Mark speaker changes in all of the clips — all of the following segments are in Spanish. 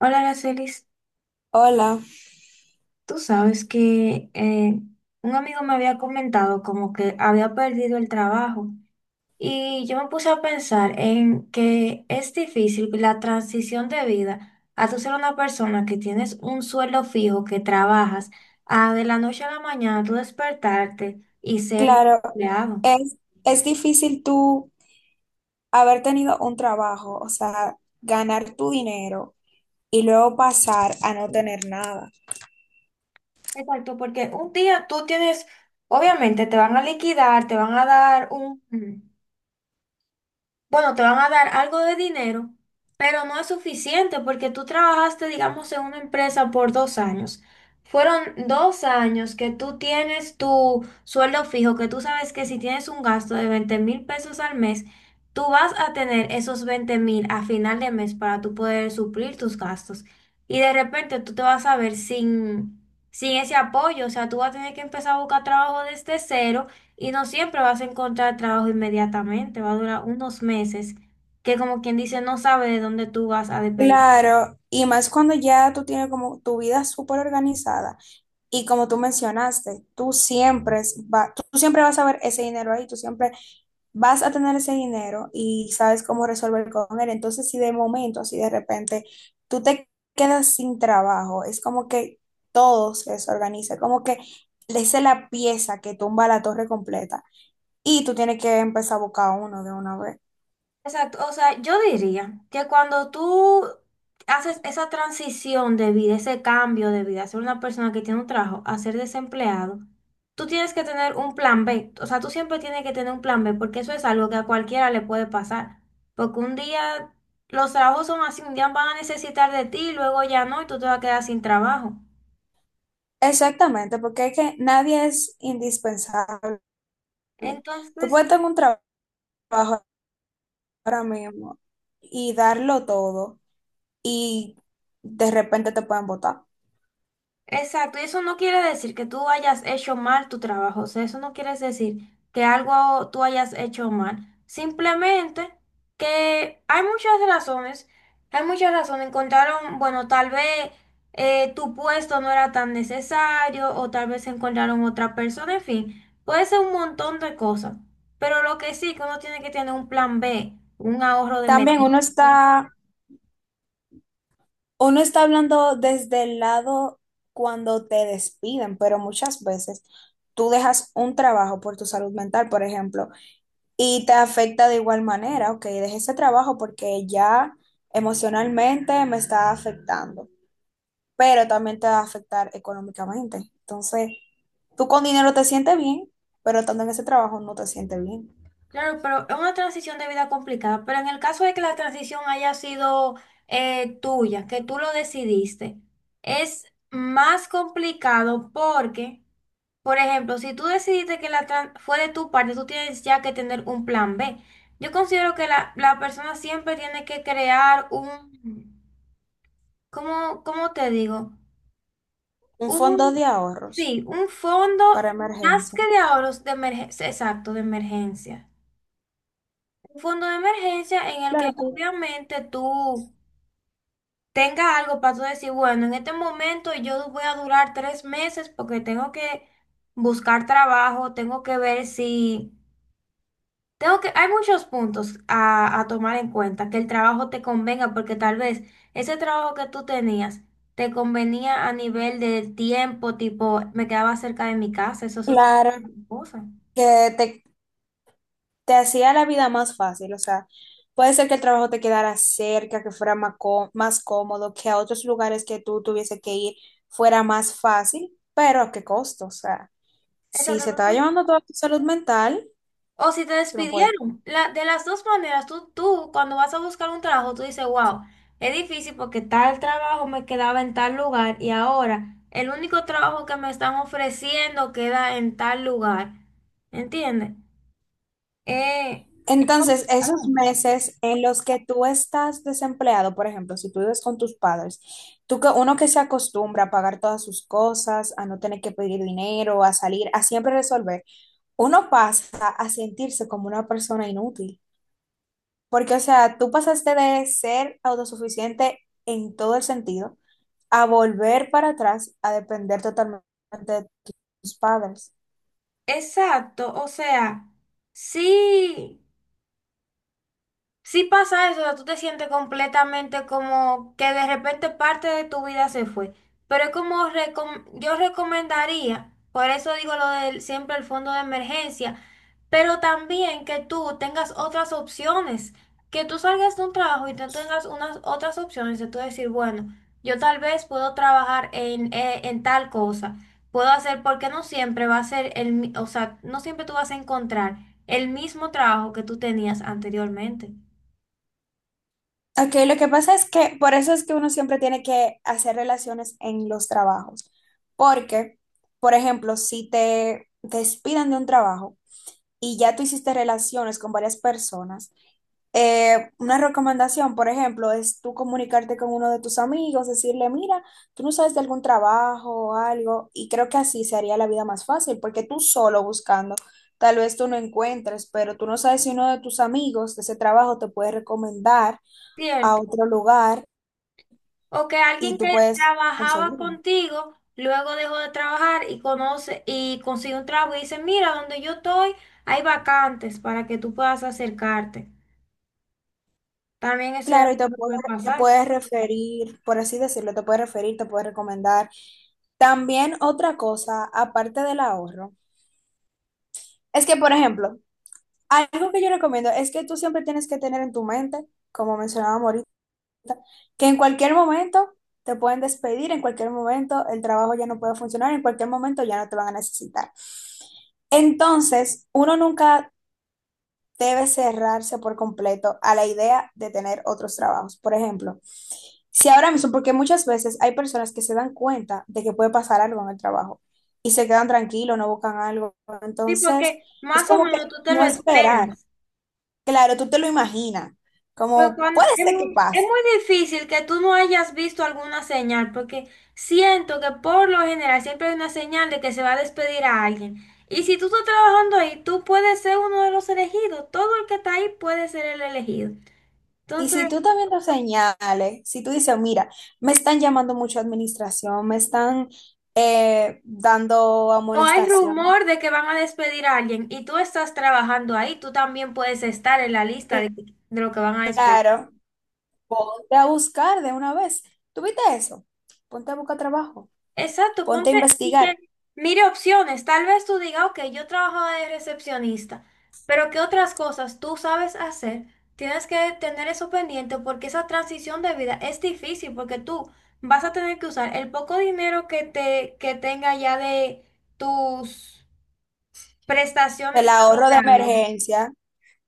Speaker 1: Hola, Aracelis.
Speaker 2: Hola.
Speaker 1: Tú sabes que un amigo me había comentado como que había perdido el trabajo y yo me puse a pensar en que es difícil la transición de vida a tú ser una persona que tienes un sueldo fijo, que trabajas, a de la noche a la mañana tú despertarte y ser
Speaker 2: Claro,
Speaker 1: empleado.
Speaker 2: es, es difícil tú haber tenido un trabajo, o sea, ganar tu dinero y luego pasar a no tener nada.
Speaker 1: Exacto, porque un día tú tienes, obviamente te van a liquidar, te van a dar un... Bueno, te van a dar algo de dinero, pero no es suficiente porque tú trabajaste, digamos, en una empresa por 2 años. Fueron 2 años que tú tienes tu sueldo fijo, que tú sabes que si tienes un gasto de 20 mil pesos al mes, tú vas a tener esos 20 mil a final de mes para tú poder suplir tus gastos. Y de repente tú te vas a ver sin ese apoyo, o sea, tú vas a tener que empezar a buscar trabajo desde cero y no siempre vas a encontrar trabajo inmediatamente, va a durar unos meses que como quien dice no sabe de dónde tú vas a depender.
Speaker 2: Claro, y más cuando ya tú tienes como tu vida súper organizada y, como tú mencionaste, tú siempre, tú siempre vas a ver ese dinero ahí, tú siempre vas a tener ese dinero y sabes cómo resolver con él. Entonces, si de momento, así de repente, tú te quedas sin trabajo, es como que todo se desorganiza, como que esa es la pieza que tumba la torre completa y tú tienes que empezar a buscar uno de una vez.
Speaker 1: Exacto, o sea, yo diría que cuando tú haces esa transición de vida, ese cambio de vida, ser una persona que tiene un trabajo a ser desempleado, tú tienes que tener un plan B, o sea, tú siempre tienes que tener un plan B porque eso es algo que a cualquiera le puede pasar, porque un día los trabajos son así, un día van a necesitar de ti, luego ya no, y tú te vas a quedar sin trabajo.
Speaker 2: Exactamente, porque es que nadie es indispensable. Tú
Speaker 1: Entonces,
Speaker 2: puedes tener un trabajo ahora mismo y darlo todo y de repente te pueden votar.
Speaker 1: exacto, y eso no quiere decir que tú hayas hecho mal tu trabajo, o sea, eso no quiere decir que algo tú hayas hecho mal, simplemente que hay muchas razones, encontraron, bueno, tal vez tu puesto no era tan necesario o tal vez encontraron otra persona, en fin, puede ser un montón de cosas, pero lo que sí, que uno tiene que tener un plan B, un ahorro de
Speaker 2: También uno
Speaker 1: emergencia.
Speaker 2: está. Uno está hablando desde el lado cuando te despiden, pero muchas veces tú dejas un trabajo por tu salud mental, por ejemplo, y te afecta de igual manera. Ok, dejé ese trabajo porque ya emocionalmente me está afectando, pero también te va a afectar económicamente. Entonces, tú con dinero te sientes bien, pero estando en ese trabajo no te sientes bien.
Speaker 1: Claro, pero es una transición de vida complicada, pero en el caso de que la transición haya sido tuya, que tú lo decidiste, es más complicado porque, por ejemplo, si tú decidiste que fue de tu parte, tú tienes ya que tener un plan B. Yo considero que la persona siempre tiene que crear un, ¿cómo te digo?
Speaker 2: Un
Speaker 1: Un,
Speaker 2: fondo de ahorros
Speaker 1: sí, un fondo
Speaker 2: para
Speaker 1: más
Speaker 2: emergencia.
Speaker 1: que de ahorros de emergencia, exacto, de emergencia. Un fondo de emergencia en el que
Speaker 2: Claro, pues.
Speaker 1: obviamente tú tengas algo para tú decir, bueno, en este momento yo voy a durar 3 meses porque tengo que buscar trabajo, tengo que ver si... Tengo que, hay muchos puntos a tomar en cuenta, que el trabajo te convenga, porque tal vez ese trabajo que tú tenías te convenía a nivel de tiempo, tipo, me quedaba cerca de mi casa, eso es otra
Speaker 2: Claro,
Speaker 1: cosa.
Speaker 2: que te te hacía la vida más fácil, o sea, puede ser que el trabajo te quedara cerca, que fuera más, más cómodo, que a otros lugares que tú tuviese que ir fuera más fácil, pero ¿a qué costo? O sea, si
Speaker 1: Exacto,
Speaker 2: se estaba llevando toda tu salud mental,
Speaker 1: o si te
Speaker 2: tú no puedes.
Speaker 1: despidieron. De las dos maneras, tú cuando vas a buscar un trabajo, tú dices, wow, es difícil porque tal trabajo me quedaba en tal lugar y ahora el único trabajo que me están ofreciendo queda en tal lugar. ¿Entiendes? Eh, es
Speaker 2: Entonces, esos
Speaker 1: complicado.
Speaker 2: meses en los que tú estás desempleado, por ejemplo, si tú vives con tus padres, tú que uno que se acostumbra a pagar todas sus cosas, a no tener que pedir dinero, a salir, a siempre resolver, uno pasa a sentirse como una persona inútil. Porque, o sea, tú pasaste de ser autosuficiente en todo el sentido a volver para atrás a depender totalmente de tus padres.
Speaker 1: Exacto, o sea, sí. Sí pasa eso, o sea, tú te sientes completamente como que de repente parte de tu vida se fue. Pero es como yo recomendaría, por eso digo lo del siempre el fondo de emergencia, pero también que tú tengas otras opciones, que tú salgas de un trabajo y tú tengas unas otras opciones de tú decir, bueno, yo tal vez puedo trabajar en tal cosa, puedo hacer, porque no siempre va a ser o sea, no siempre tú vas a encontrar el mismo trabajo que tú tenías anteriormente.
Speaker 2: Ok, lo que pasa es que por eso es que uno siempre tiene que hacer relaciones en los trabajos. Porque, por ejemplo, si te despidan de un trabajo y ya tú hiciste relaciones con varias personas, una recomendación, por ejemplo, es tú comunicarte con uno de tus amigos, decirle, mira, tú no sabes de algún trabajo o algo, y creo que así se haría la vida más fácil, porque tú solo buscando, tal vez tú no encuentres, pero tú no sabes si uno de tus amigos de ese trabajo te puede recomendar a
Speaker 1: Cierto.
Speaker 2: otro lugar
Speaker 1: O que
Speaker 2: y
Speaker 1: alguien
Speaker 2: tú
Speaker 1: que
Speaker 2: puedes
Speaker 1: trabajaba
Speaker 2: conseguirlo.
Speaker 1: contigo luego dejó de trabajar y conoce y consigue un trabajo y dice, mira, donde yo estoy hay vacantes para que tú puedas acercarte. También eso
Speaker 2: Claro, y te puede-,
Speaker 1: puede
Speaker 2: te
Speaker 1: pasar.
Speaker 2: puedes referir, por así decirlo, te puedes referir, te puedes recomendar. También otra cosa, aparte del ahorro, es que, por ejemplo, algo que yo recomiendo es que tú siempre tienes que tener en tu mente, como mencionábamos ahorita, que en cualquier momento te pueden despedir, en cualquier momento el trabajo ya no puede funcionar, en cualquier momento ya no te van a necesitar. Entonces, uno nunca debe cerrarse por completo a la idea de tener otros trabajos. Por ejemplo, si ahora mismo, porque muchas veces hay personas que se dan cuenta de que puede pasar algo en el trabajo y se quedan tranquilos, no buscan algo.
Speaker 1: Sí,
Speaker 2: Entonces,
Speaker 1: porque
Speaker 2: es
Speaker 1: más o
Speaker 2: como que
Speaker 1: menos tú te lo
Speaker 2: no esperar.
Speaker 1: esperas.
Speaker 2: Claro, tú te lo imaginas,
Speaker 1: Pero
Speaker 2: como puede ser que
Speaker 1: es
Speaker 2: pase.
Speaker 1: muy difícil que tú no hayas visto alguna señal, porque siento que por lo general siempre hay una señal de que se va a despedir a alguien. Y si tú estás trabajando ahí, tú puedes ser uno de los elegidos. Todo el que está ahí puede ser el elegido.
Speaker 2: Y
Speaker 1: Entonces,
Speaker 2: si tú también lo señales, si tú dices, mira, me están llamando mucho a administración, me están dando
Speaker 1: o hay
Speaker 2: amonestación,
Speaker 1: rumor de que van a despedir a alguien y tú estás trabajando ahí, tú también puedes estar en la lista de lo que van a despedir.
Speaker 2: claro, ponte a buscar de una vez. ¿Tuviste eso? Ponte a buscar trabajo,
Speaker 1: Exacto,
Speaker 2: ponte a
Speaker 1: ponte y que
Speaker 2: investigar
Speaker 1: mire opciones. Tal vez tú digas, ok, yo trabajo de recepcionista, pero ¿qué otras cosas tú sabes hacer? Tienes que tener eso pendiente porque esa transición de vida es difícil porque tú vas a tener que usar el poco dinero que tenga ya de tus
Speaker 2: el
Speaker 1: prestaciones
Speaker 2: ahorro de
Speaker 1: laborales
Speaker 2: emergencia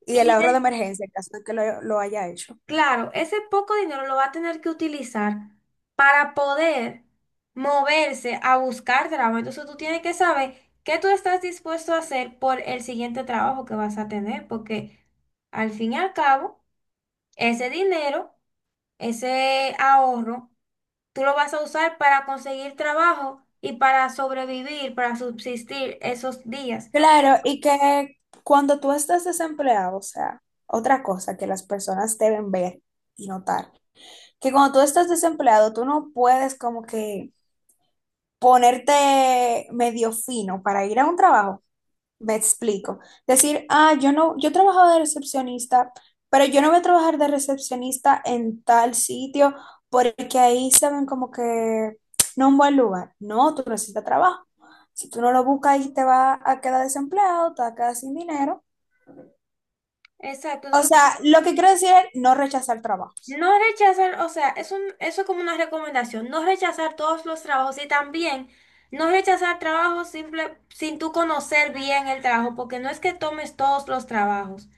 Speaker 2: y el
Speaker 1: y
Speaker 2: ahorro de
Speaker 1: de
Speaker 2: emergencia en caso de que lo haya hecho.
Speaker 1: claro, ese poco dinero lo va a tener que utilizar para poder moverse a buscar trabajo. Entonces tú tienes que saber qué tú estás dispuesto a hacer por el siguiente trabajo que vas a tener, porque al fin y al cabo, ese dinero, ese ahorro, tú lo vas a usar para conseguir trabajo y para sobrevivir, para subsistir esos días.
Speaker 2: Claro, y que cuando tú estás desempleado, o sea, otra cosa que las personas deben ver y notar, que cuando tú estás desempleado, tú no puedes como que ponerte medio fino para ir a un trabajo, me explico. Decir, ah, yo no, yo trabajaba de recepcionista, pero yo no voy a trabajar de recepcionista en tal sitio porque ahí se ven como que no un buen lugar. No, tú necesitas trabajo. Si tú no lo buscas ahí te vas a quedar desempleado, te vas a quedar sin dinero.
Speaker 1: Exacto.
Speaker 2: O sea, lo que quiero decir es no rechazar trabajos.
Speaker 1: No rechazar, o sea, es un, eso es como una recomendación, no rechazar todos los trabajos y también no rechazar trabajos simple, sin tú conocer bien el trabajo, porque no es que tomes todos los trabajos,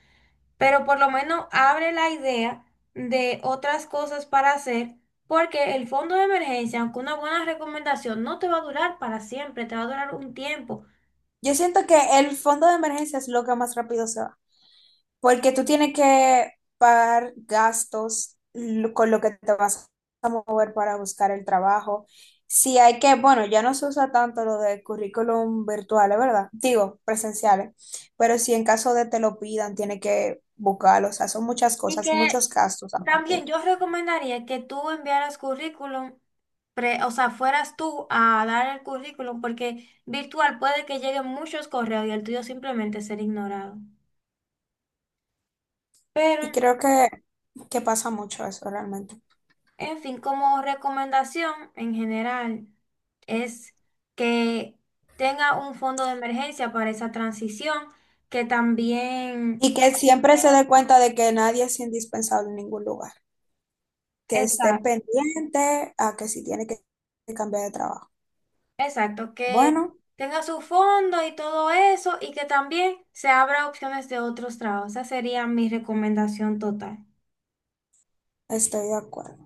Speaker 1: pero por lo menos abre la idea de otras cosas para hacer, porque el fondo de emergencia, aunque una buena recomendación, no te va a durar para siempre, te va a durar un tiempo.
Speaker 2: Yo siento que el fondo de emergencia es lo que más rápido se va. Porque tú tienes que pagar gastos con lo que te vas a mover para buscar el trabajo. Si hay que, bueno, ya no se usa tanto lo de currículum virtuales, ¿verdad? Digo, presenciales. Pero si en caso de te lo pidan, tiene que buscarlo. O sea, son muchas
Speaker 1: Y
Speaker 2: cosas,
Speaker 1: que
Speaker 2: muchos gastos aparte.
Speaker 1: también yo recomendaría que tú enviaras currículum, o sea, fueras tú a dar el currículum, porque virtual puede que lleguen muchos correos y el tuyo simplemente ser ignorado. Pero,
Speaker 2: Y creo que pasa mucho eso realmente.
Speaker 1: en fin, como recomendación en general, es que tenga un fondo de emergencia para esa transición, que también,
Speaker 2: Y que siempre se dé cuenta de que nadie es indispensable en ningún lugar. Que esté pendiente a que si tiene que cambiar de trabajo.
Speaker 1: exacto, que
Speaker 2: Bueno.
Speaker 1: tenga su fondo y todo eso y que también se abra opciones de otros trabajos. Esa sería mi recomendación total.
Speaker 2: Estoy de acuerdo.